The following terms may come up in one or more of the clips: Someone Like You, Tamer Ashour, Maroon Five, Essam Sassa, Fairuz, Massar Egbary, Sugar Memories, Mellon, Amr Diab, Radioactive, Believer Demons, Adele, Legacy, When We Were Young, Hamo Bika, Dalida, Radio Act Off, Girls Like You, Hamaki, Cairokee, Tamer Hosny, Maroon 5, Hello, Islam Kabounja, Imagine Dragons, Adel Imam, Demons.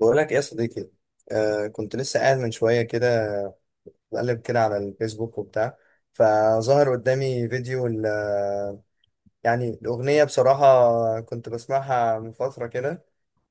بقول لك ايه يا صديقي. كنت لسه قاعد من شويه كده، بقلب كده على الفيسبوك وبتاع. فظهر قدامي فيديو يعني الاغنيه، بصراحه كنت بسمعها من فتره كده.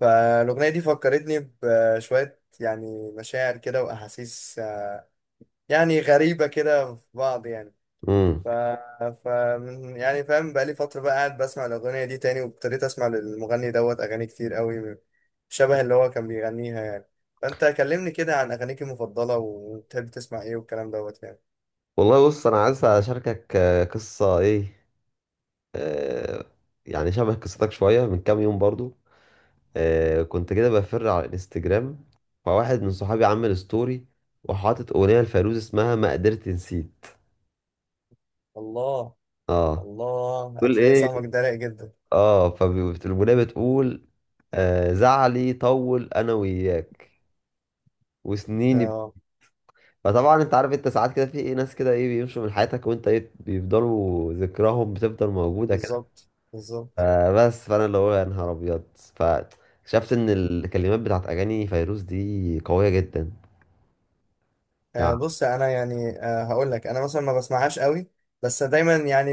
فالاغنيه دي فكرتني بشويه، يعني مشاعر كده واحاسيس يعني غريبه كده في بعض يعني. امم ف... ف يعني فاهم، بقالي فترة بقى قاعد بسمع الأغنية دي تاني، وابتديت أسمع للمغني دوت أغاني كتير قوي، شبه اللي هو كان بيغنيها يعني. فأنت كلمني كده عن أغانيك المفضلة وبتحب تسمع إيه والكلام دوت يعني. والله بص انا عايز اشاركك قصه ايه. آه، يعني شبه قصتك شويه من كام يوم برضو. آه كنت كده بفر على الانستجرام، فواحد من صحابي عمل ستوري وحاطط اغنيه لفيروز اسمها ما قدرت نسيت. الله. اه الله، تقول هتلاقي ايه؟ صاحبك ده رايق جدا. اه فالاغنيه بتقول آه، زعلي طول انا وياك وسنيني ب- اه، فطبعا انت عارف، انت ساعات كده في ايه ناس كده ايه بيمشوا من حياتك وانت ايه بيفضلوا ذكراهم بتفضل موجوده. بالظبط بالظبط. فبس فانا اللي هو يا نهار ابيض، فاكتشفت ان الكلمات بتاعت اغاني فيروز دي قويه جدا يعني. بص أنا يعني، هقول لك أنا مثلا ما بسمعهاش قوي. بس دايما يعني،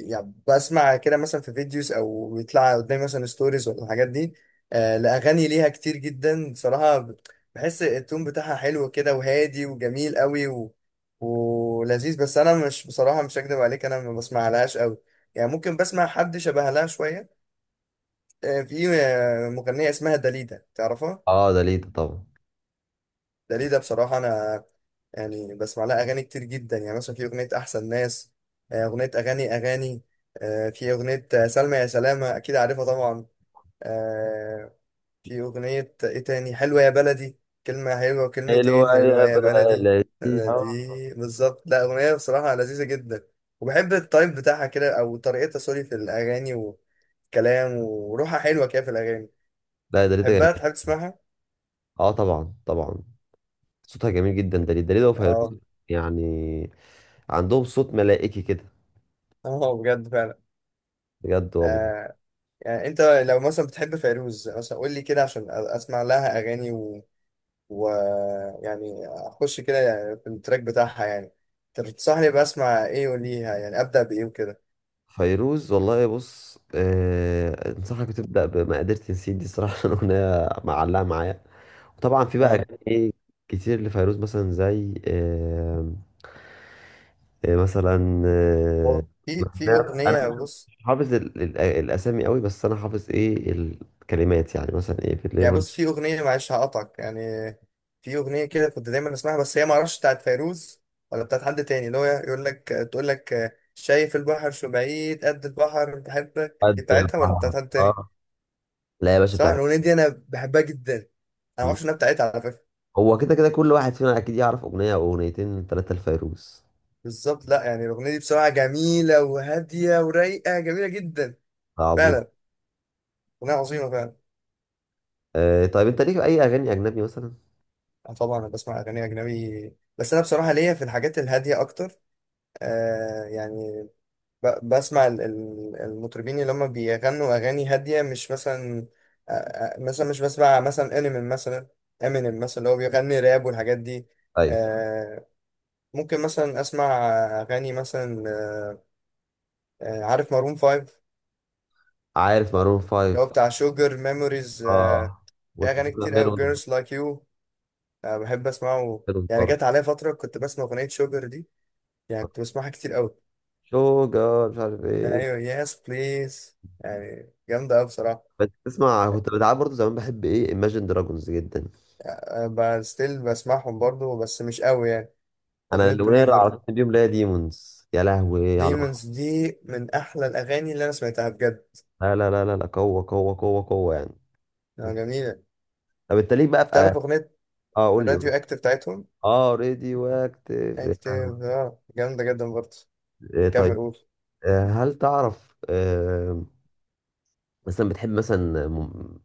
يعني بسمع كده مثلا في فيديوز او بيطلع قدامي مثلا ستوريز ولا الحاجات دي. لاغاني ليها كتير جدا بصراحه، بحس التون بتاعها حلو كده وهادي وجميل قوي ولذيذ. بس انا مش بصراحه، مش هكدب عليك، انا ما بسمعلهاش قوي. يعني ممكن بسمع حد شبه لها شويه. في مغنيه اسمها داليدا، تعرفها؟ اه داليدا طبعا. ده ليه ده بصراحة أنا، يعني بسمع لها أغاني كتير جدا، يعني مثلا في أغنية أحسن ناس. أغنية أغاني أغاني. في أغنية، سلمى يا سلامة، أكيد عارفها طبعا. آه، في أغنية إيه تاني، حلوة يا بلدي. كلمة حلوة وكلمتين، حلوة حلوة يا يا بلدي. بلدي دي آه. بالظبط، لا أغنية بصراحة لذيذة جدا. وبحب التايب بتاعها كده، أو طريقتها، سوري، في الأغاني، والكلام وروحها حلوة كده في الأغاني. لا داليدا بحبها، جميل. تحب تسمعها؟ اه طبعا طبعا، صوتها جميل جدا، داليدا اه. وفيروز يعني، عندهم صوت ملائكي كده. اه، بجد فعلا. بجد والله. آه، يعني انت لو مثلا بتحب فيروز مثلا، قول لي كده عشان اسمع لها اغاني و... يعني اخش كده، يعني في التراك بتاعها يعني، تنصحني بسمع ايه وليها، يعني ابدا بايه وكده؟ فيروز والله بص، آه انصحك تبدا بما قدرت نسيت دي صراحه، الاغنيه معلقه معايا. وطبعا في بقى اه. اغاني كتير لفيروز مثلا زي آه إيه مثلا آه، هو في انا اغنيه، بص مش حافظ الاسامي قوي، بس انا حافظ ايه الكلمات يعني مثلا ايه في يعني، الليفر. بص، في اغنيه، معلش هقطعك يعني. في اغنيه كده كنت دايما اسمعها، بس هي ما اعرفش بتاعت فيروز ولا بتاعت حد تاني، اللي هو يقول لك تقول لك شايف البحر شو بعيد قد البحر بحبك، دي قد بتاعتها ولا البحر بتاعت حد تاني؟ اه. لا يا باشا صح، بتاعت الاغنيه دي انا بحبها جدا، انا ما الفيروز. اعرفش انها بتاعتها على فكره. هو كده كده كل واحد فينا اكيد يعرف اغنيه او اغنيتين ثلاثه لفيروز. بالظبط، لا يعني الاغنيه دي بصراحه جميله وهاديه ورايقه، جميله جدا. ده عظيم. فعلا، اغنيه عظيمه فعلا. آه طيب انت ليك اي اغاني اجنبي مثلا؟ طبعا انا بسمع اغاني اجنبي، بس انا بصراحه ليا في الحاجات الهاديه اكتر. آه يعني بسمع المطربين اللي هم بيغنوا اغاني هاديه، مش مثلا، مثلا مش بسمع مثلا انمي مثلا، امينيم مثلا اللي هو بيغني راب والحاجات دي. طيب آه ممكن مثلا اسمع اغاني مثلا، عارف مارون فايف، عارف مارون اللي هو فايف. بتاع شوجر ميموريز. اه في اغاني وميلون كتير قوي، ميلون. جيرلز لايك يو، بحب اسمعه. يعني برضه جت عليا فتره كنت بسمع اغنيه شوجر دي، يعني كنت بسمعها كتير قوي. شوجر مش عارف ايه. ايوه، يس بليز، يعني جامده قوي بصراحه. بس تسمع كنت بتعب برضه زمان، بحب ايه Imagine Dragons جدا. ستيل بسمعهم برضو بس مش قوي يعني. انا اغنيه الاغنيه اللي بليفر، عرفتني اليوم اللي هي ديمونز، يا لهوي على الوحش. ديمونز دي من احلى الاغاني اللي انا سمعتها بجد. لا لا لا لا لا، قوه قوه قوه قوه يعني. جميله. طب انت ليك بقى في اه، تعرف اغنيه قول لي راديو قول. اكتف بتاعتهم؟ اه راديو اكتيف. اكتف، اه، جامده جدا برضه. كمل طيب قول. هل تعرف مثلا بتحب مثلا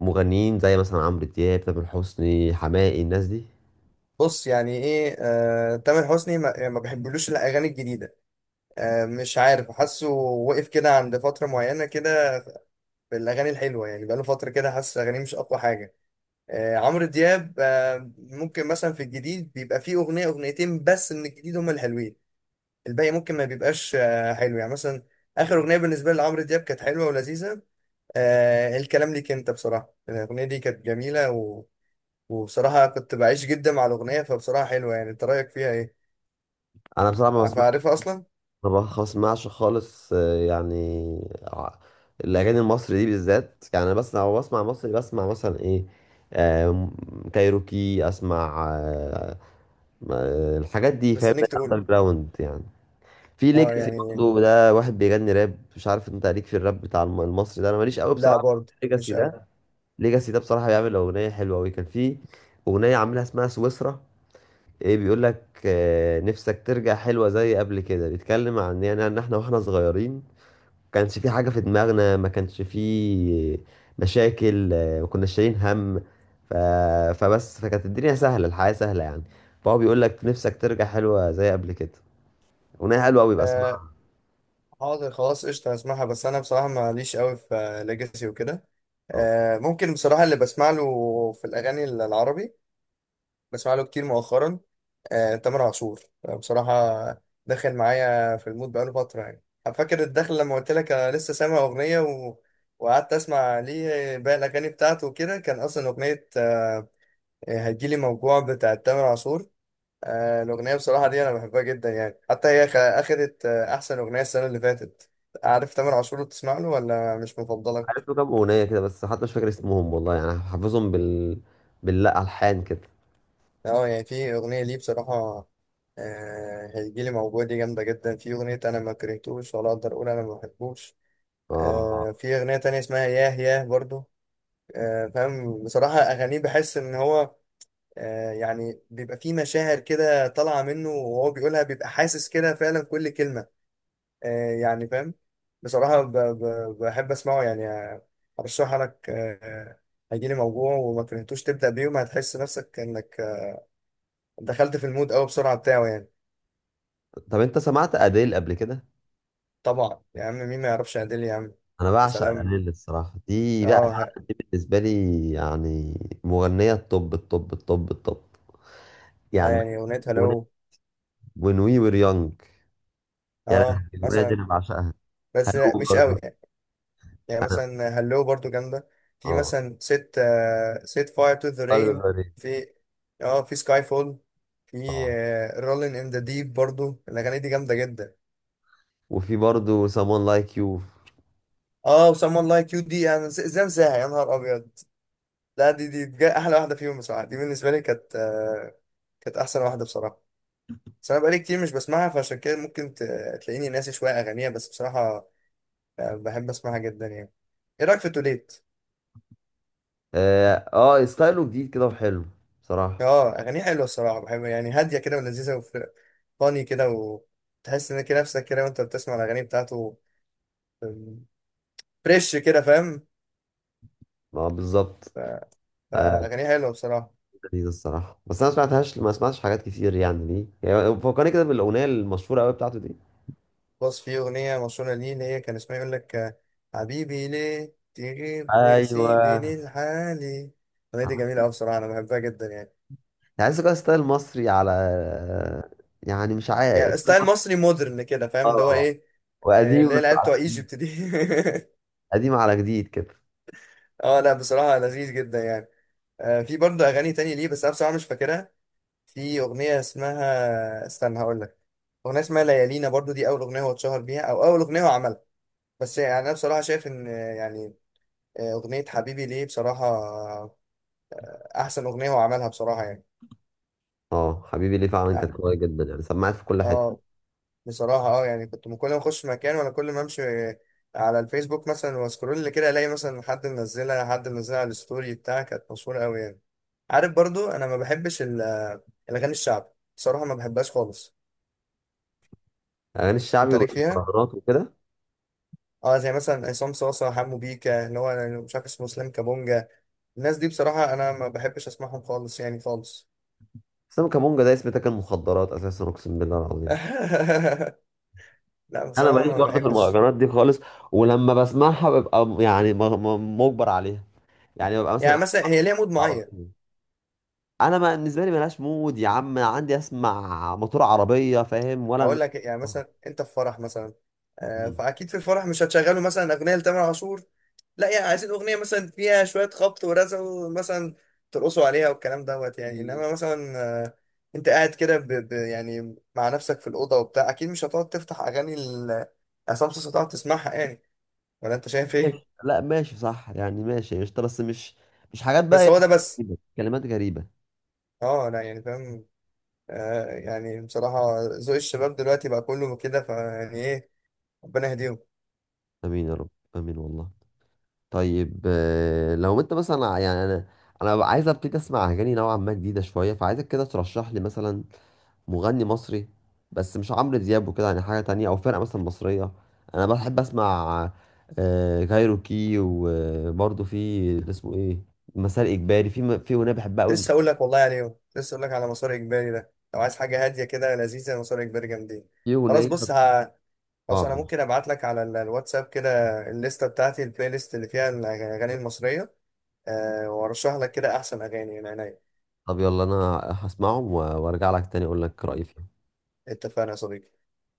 مغنيين زي مثلا عمرو دياب، تامر حسني، حماقي، الناس دي. بص يعني ايه، تامر حسني ما, يعني ما بحبلوش الاغاني الجديده. مش عارف، حاسه وقف كده عند فتره معينه كده بالاغاني الحلوه، يعني بقاله فتره كده حاسس اغانيه مش اقوى حاجه. عمرو دياب، ممكن مثلا في الجديد بيبقى فيه اغنيه اغنيتين بس من الجديد هم الحلوين، الباقي ممكن ما بيبقاش حلو يعني. مثلا اخر اغنيه بالنسبه لي لعمرو دياب كانت حلوه ولذيذه. الكلام ليك انت بصراحه الاغنيه دي كانت جميله، وبصراحه كنت بعيش جدا مع الاغنيه، فبصراحه حلوه، يعني انت رايك فيها ايه؟ انا بصراحه ما بس- عارفها اصلا؟ انا ما بسمعش خالص يعني ع- الاغاني المصري دي بالذات يعني، انا بس لو بسمع مصري بسمع مثلا ايه آم، كايروكي اسمع الحاجات دي فاهم. مستنيك تقول. اندر جراوند يعني. في اه ليجاسي يعني، برضه ده واحد بيغني راب، مش عارف انت ليك في الراب بتاع المصري ده، انا ماليش قوي لا بصراحه برضه في ليجاسي مش قوي. ده. ليجاسي ده بصراحه بيعمل اغنيه حلوه قوي، كان في اغنيه عاملها اسمها سويسرا، ايه بيقول لك نفسك ترجع حلوة زي قبل كده، بيتكلم عن يعني ان احنا واحنا صغيرين كانش في حاجة في دماغنا، ما كانش في مشاكل، ما كناش شايلين هم ف... فبس فكانت الدنيا سهلة، الحياة سهلة يعني، فهو بيقول لك نفسك ترجع حلوة زي قبل كده. أغنية حلوة أوي بقى آه اسمعها. حاضر خلاص قشطه هسمعها، بس انا بصراحه ماليش قوي في ليجاسي وكده. ممكن بصراحه اللي بسمع له في الاغاني العربي، بسمع له كتير مؤخرا. تامر عاشور. بصراحه داخل معايا في المود بقاله فتره، يعني فاكر الدخل لما قلت لك انا لسه سامع اغنيه وقعدت اسمع ليه باقي الاغاني بتاعته وكده، كان اصلا اغنيه هتجيلي موجوع بتاعت تامر عاشور. الأغنية بصراحة دي أنا بحبها جدا يعني، حتى هي أخدت أحسن أغنية السنة اللي فاتت. عارف تامر عاشور، بتسمع له ولا مش عارف مفضلك؟ له كام أغنية كده، بس حتى مش فاكر اسمهم والله، يعني حافظهم بال، باللا ألحان كده. أه يعني، في أغنية ليه بصراحة، هيجيلي موجوع، دي جامدة جدا. في أغنية أنا ما كرهتوش، ولا أقدر أقول أنا ما بحبوش. اه في أغنية تانية اسمها ياه ياه برضو. فاهم، بصراحة أغانيه بحس إن هو، يعني بيبقى فيه مشاعر كده طالعة منه، وهو بيقولها بيبقى حاسس كده فعلا كل كلمة. يعني فاهم. بصراحة بحب أسمعه يعني. أرشحها لك. هيجيلي موجوع وما كرهتوش، تبدأ بيهم هتحس نفسك إنك دخلت في المود أوي بسرعة بتاعه يعني. طب أنت سمعت أديل قبل كده؟ طبعا يا عم، مين ما يعرفش عادل يا عم؟ أنا يا بعشق سلام. أديل الصراحة دي اه بقى، ه- بالنسبة لي يعني مغنية الطب اه يعني. يعني أغنية هلو، When we were young، يا لهوي اه الأغنية دي مثلا، أنا بعشقها. بس هلو مش قوي برضه. يعني. يعني أنا مثلا هلو برضو جامدة. في أه. مثلا ست فاير تو ذا برضه رين، برضه. في، اه، في سكاي فول، في أه، رولين ان ذا ديب، برضو الأغاني دي جامدة جدا. وفي برضه someone like you. اه، وسام لايك كيو دي، انا ازاي انساها يا نهار ابيض. لا، دي بجد احلى واحده فيهم بصراحه، دي بالنسبه لي كانت، كانت احسن واحده بصراحه. بس انا بقالي كتير مش بسمعها، فعشان كده ممكن تلاقيني ناسي شويه اغانيها، بس بصراحه بحب اسمعها جدا يعني. ايه رايك في توليت؟ أه ستايله جديد كده وحلو بصراحة. اه اغانيها حلوه الصراحه، بحب يعني هاديه كده ولذيذه، وفاني كده، وتحس ان كده نفسك كده وانت بتسمع الاغاني بتاعته، فريش كده، فاهم؟ أه بالظبط. ف- آه، فاغانيها حلوه بصراحه. لذيذ الصراحة، بس أنا ما سمعتهاش، ما سمعتش حاجات كتير يعني، دي يعني فكرني كده بالأغنية المشهورة أوي بتاعته دي. بص في أغنية مشهورة ليه، اللي هي كان اسمها يقول لك، حبيبي ليه تغيب أيوه. وتسيبني لحالي. الأغنية دي جميلة أوي بصراحة، أنا بحبها جدا يعني. تحس كده ستايل مصري على، يعني مش عارف. يعني ستايل مصري مودرن كده، فاهم، اللي هو اه إيه، اللي وقديم هي بس العيال على، بتوع ايجيبت دي. قديم على جديد كده. اه لا بصراحة لذيذ جدا يعني. في برضه أغاني تانية ليه، بس أنا بصراحة مش فاكرها. في أغنية اسمها استنى، هقول لك أغنية اسمها ليالينا برضه، دي أول أغنية هو اتشهر بيها، أو أول أغنية هو عملها. بس يعني أنا بصراحة شايف إن، أغنية حبيبي ليه بصراحة احسن اغنيه هو عملها بصراحه يعني. اه حبيبي ليه فعلا اه. كانت قوية جدا، يعني سمعت في كل حتة. آه، بصراحه اه يعني كنت من كل ما اخش مكان، ولا كل ما امشي على الفيسبوك مثلا واسكرول كده، الاقي مثلا حد منزلها على الستوري بتاعها، كانت مشهوره قوي يعني. عارف برضو انا ما بحبش الاغاني الشعب، بصراحه ما بحبهاش خالص. اغاني الشعبي انت ليك فيها؟ والمهرجانات وكده، اه، زي مثلا عصام صاصا، حمو بيكا، اللي هو أنا مش عارف اسمه، اسلام كابونجا. الناس دي بصراحه انا ما بحبش اسمعهم خالص، يعني خالص. بس انا كمونجا ده اسم تاكل مخدرات اساسا، اقسم بالله العظيم. لا انا بصراحه ماليش ما برضه في بحبش. المهرجانات دي خالص، ولما بسمعها ببقى يعني مجبر عليها، يعني ببقى يعني مثلا، مثلا هي ليها مود معين. عربي، انا ما بالنسبه لي ملهاش مود يا عم، أنا عندي اسمع موتور عربيه فاهم ولا هقول لك يعني، مثلا انت في فرح مثلا، مم. فاكيد في الفرح مش هتشغلوا مثلا اغنيه لتامر عاشور. لا، يعني عايزين اغنيه مثلا فيها شويه خبط ورزع، ومثلا ترقصوا عليها والكلام دوت يعني. انما مثلا، آه، انت قاعد كده، يعني مع نفسك في الاوضه وبتاع، اكيد مش هتقعد تفتح اغاني عصام صاصا تقعد تسمعها يعني، ولا انت شايف ماشي. ايه؟ لا ماشي صح يعني، ماشي قشطه، بس مش مش حاجات بقى بس إيه، هو ده بس. كلمات غريبه. اه لا يعني فاهم. يعني بصراحه ذوق الشباب دلوقتي بقى كله كده، فيعني ايه، ربنا يهديهم. امين يا رب، امين والله. طيب لو انت مثلا انا ببقى عايز ابتدي اسمع اغاني نوعا ما جديده شويه، فعايزك كده ترشح لي مثلا مغني مصري، بس مش عمرو دياب وكده يعني، حاجه تانية او فرقه مثلا مصريه. انا بحب اسمع كايروكي وبرضه في اللي اسمه ايه، مسار اجباري، في اغنيه بحبها قوي. لسه اقول لك والله يعني يوم. لسه اقول لك على مسار اجباري ده، لو عايز حاجه هاديه كده لذيذه، مسار اجباري جامدين. في خلاص، اغنيه بص، خلاص انا اه ممكن ابعت لك على الواتساب كده الليسته بتاعتي، البلاي ليست اللي فيها الاغاني المصريه. أه وارشح لك كده احسن اغاني من عينيا. طب يلا انا هسمعهم وارجع لك تاني اقول لك رايي فيهم. اتفقنا يا صديقي.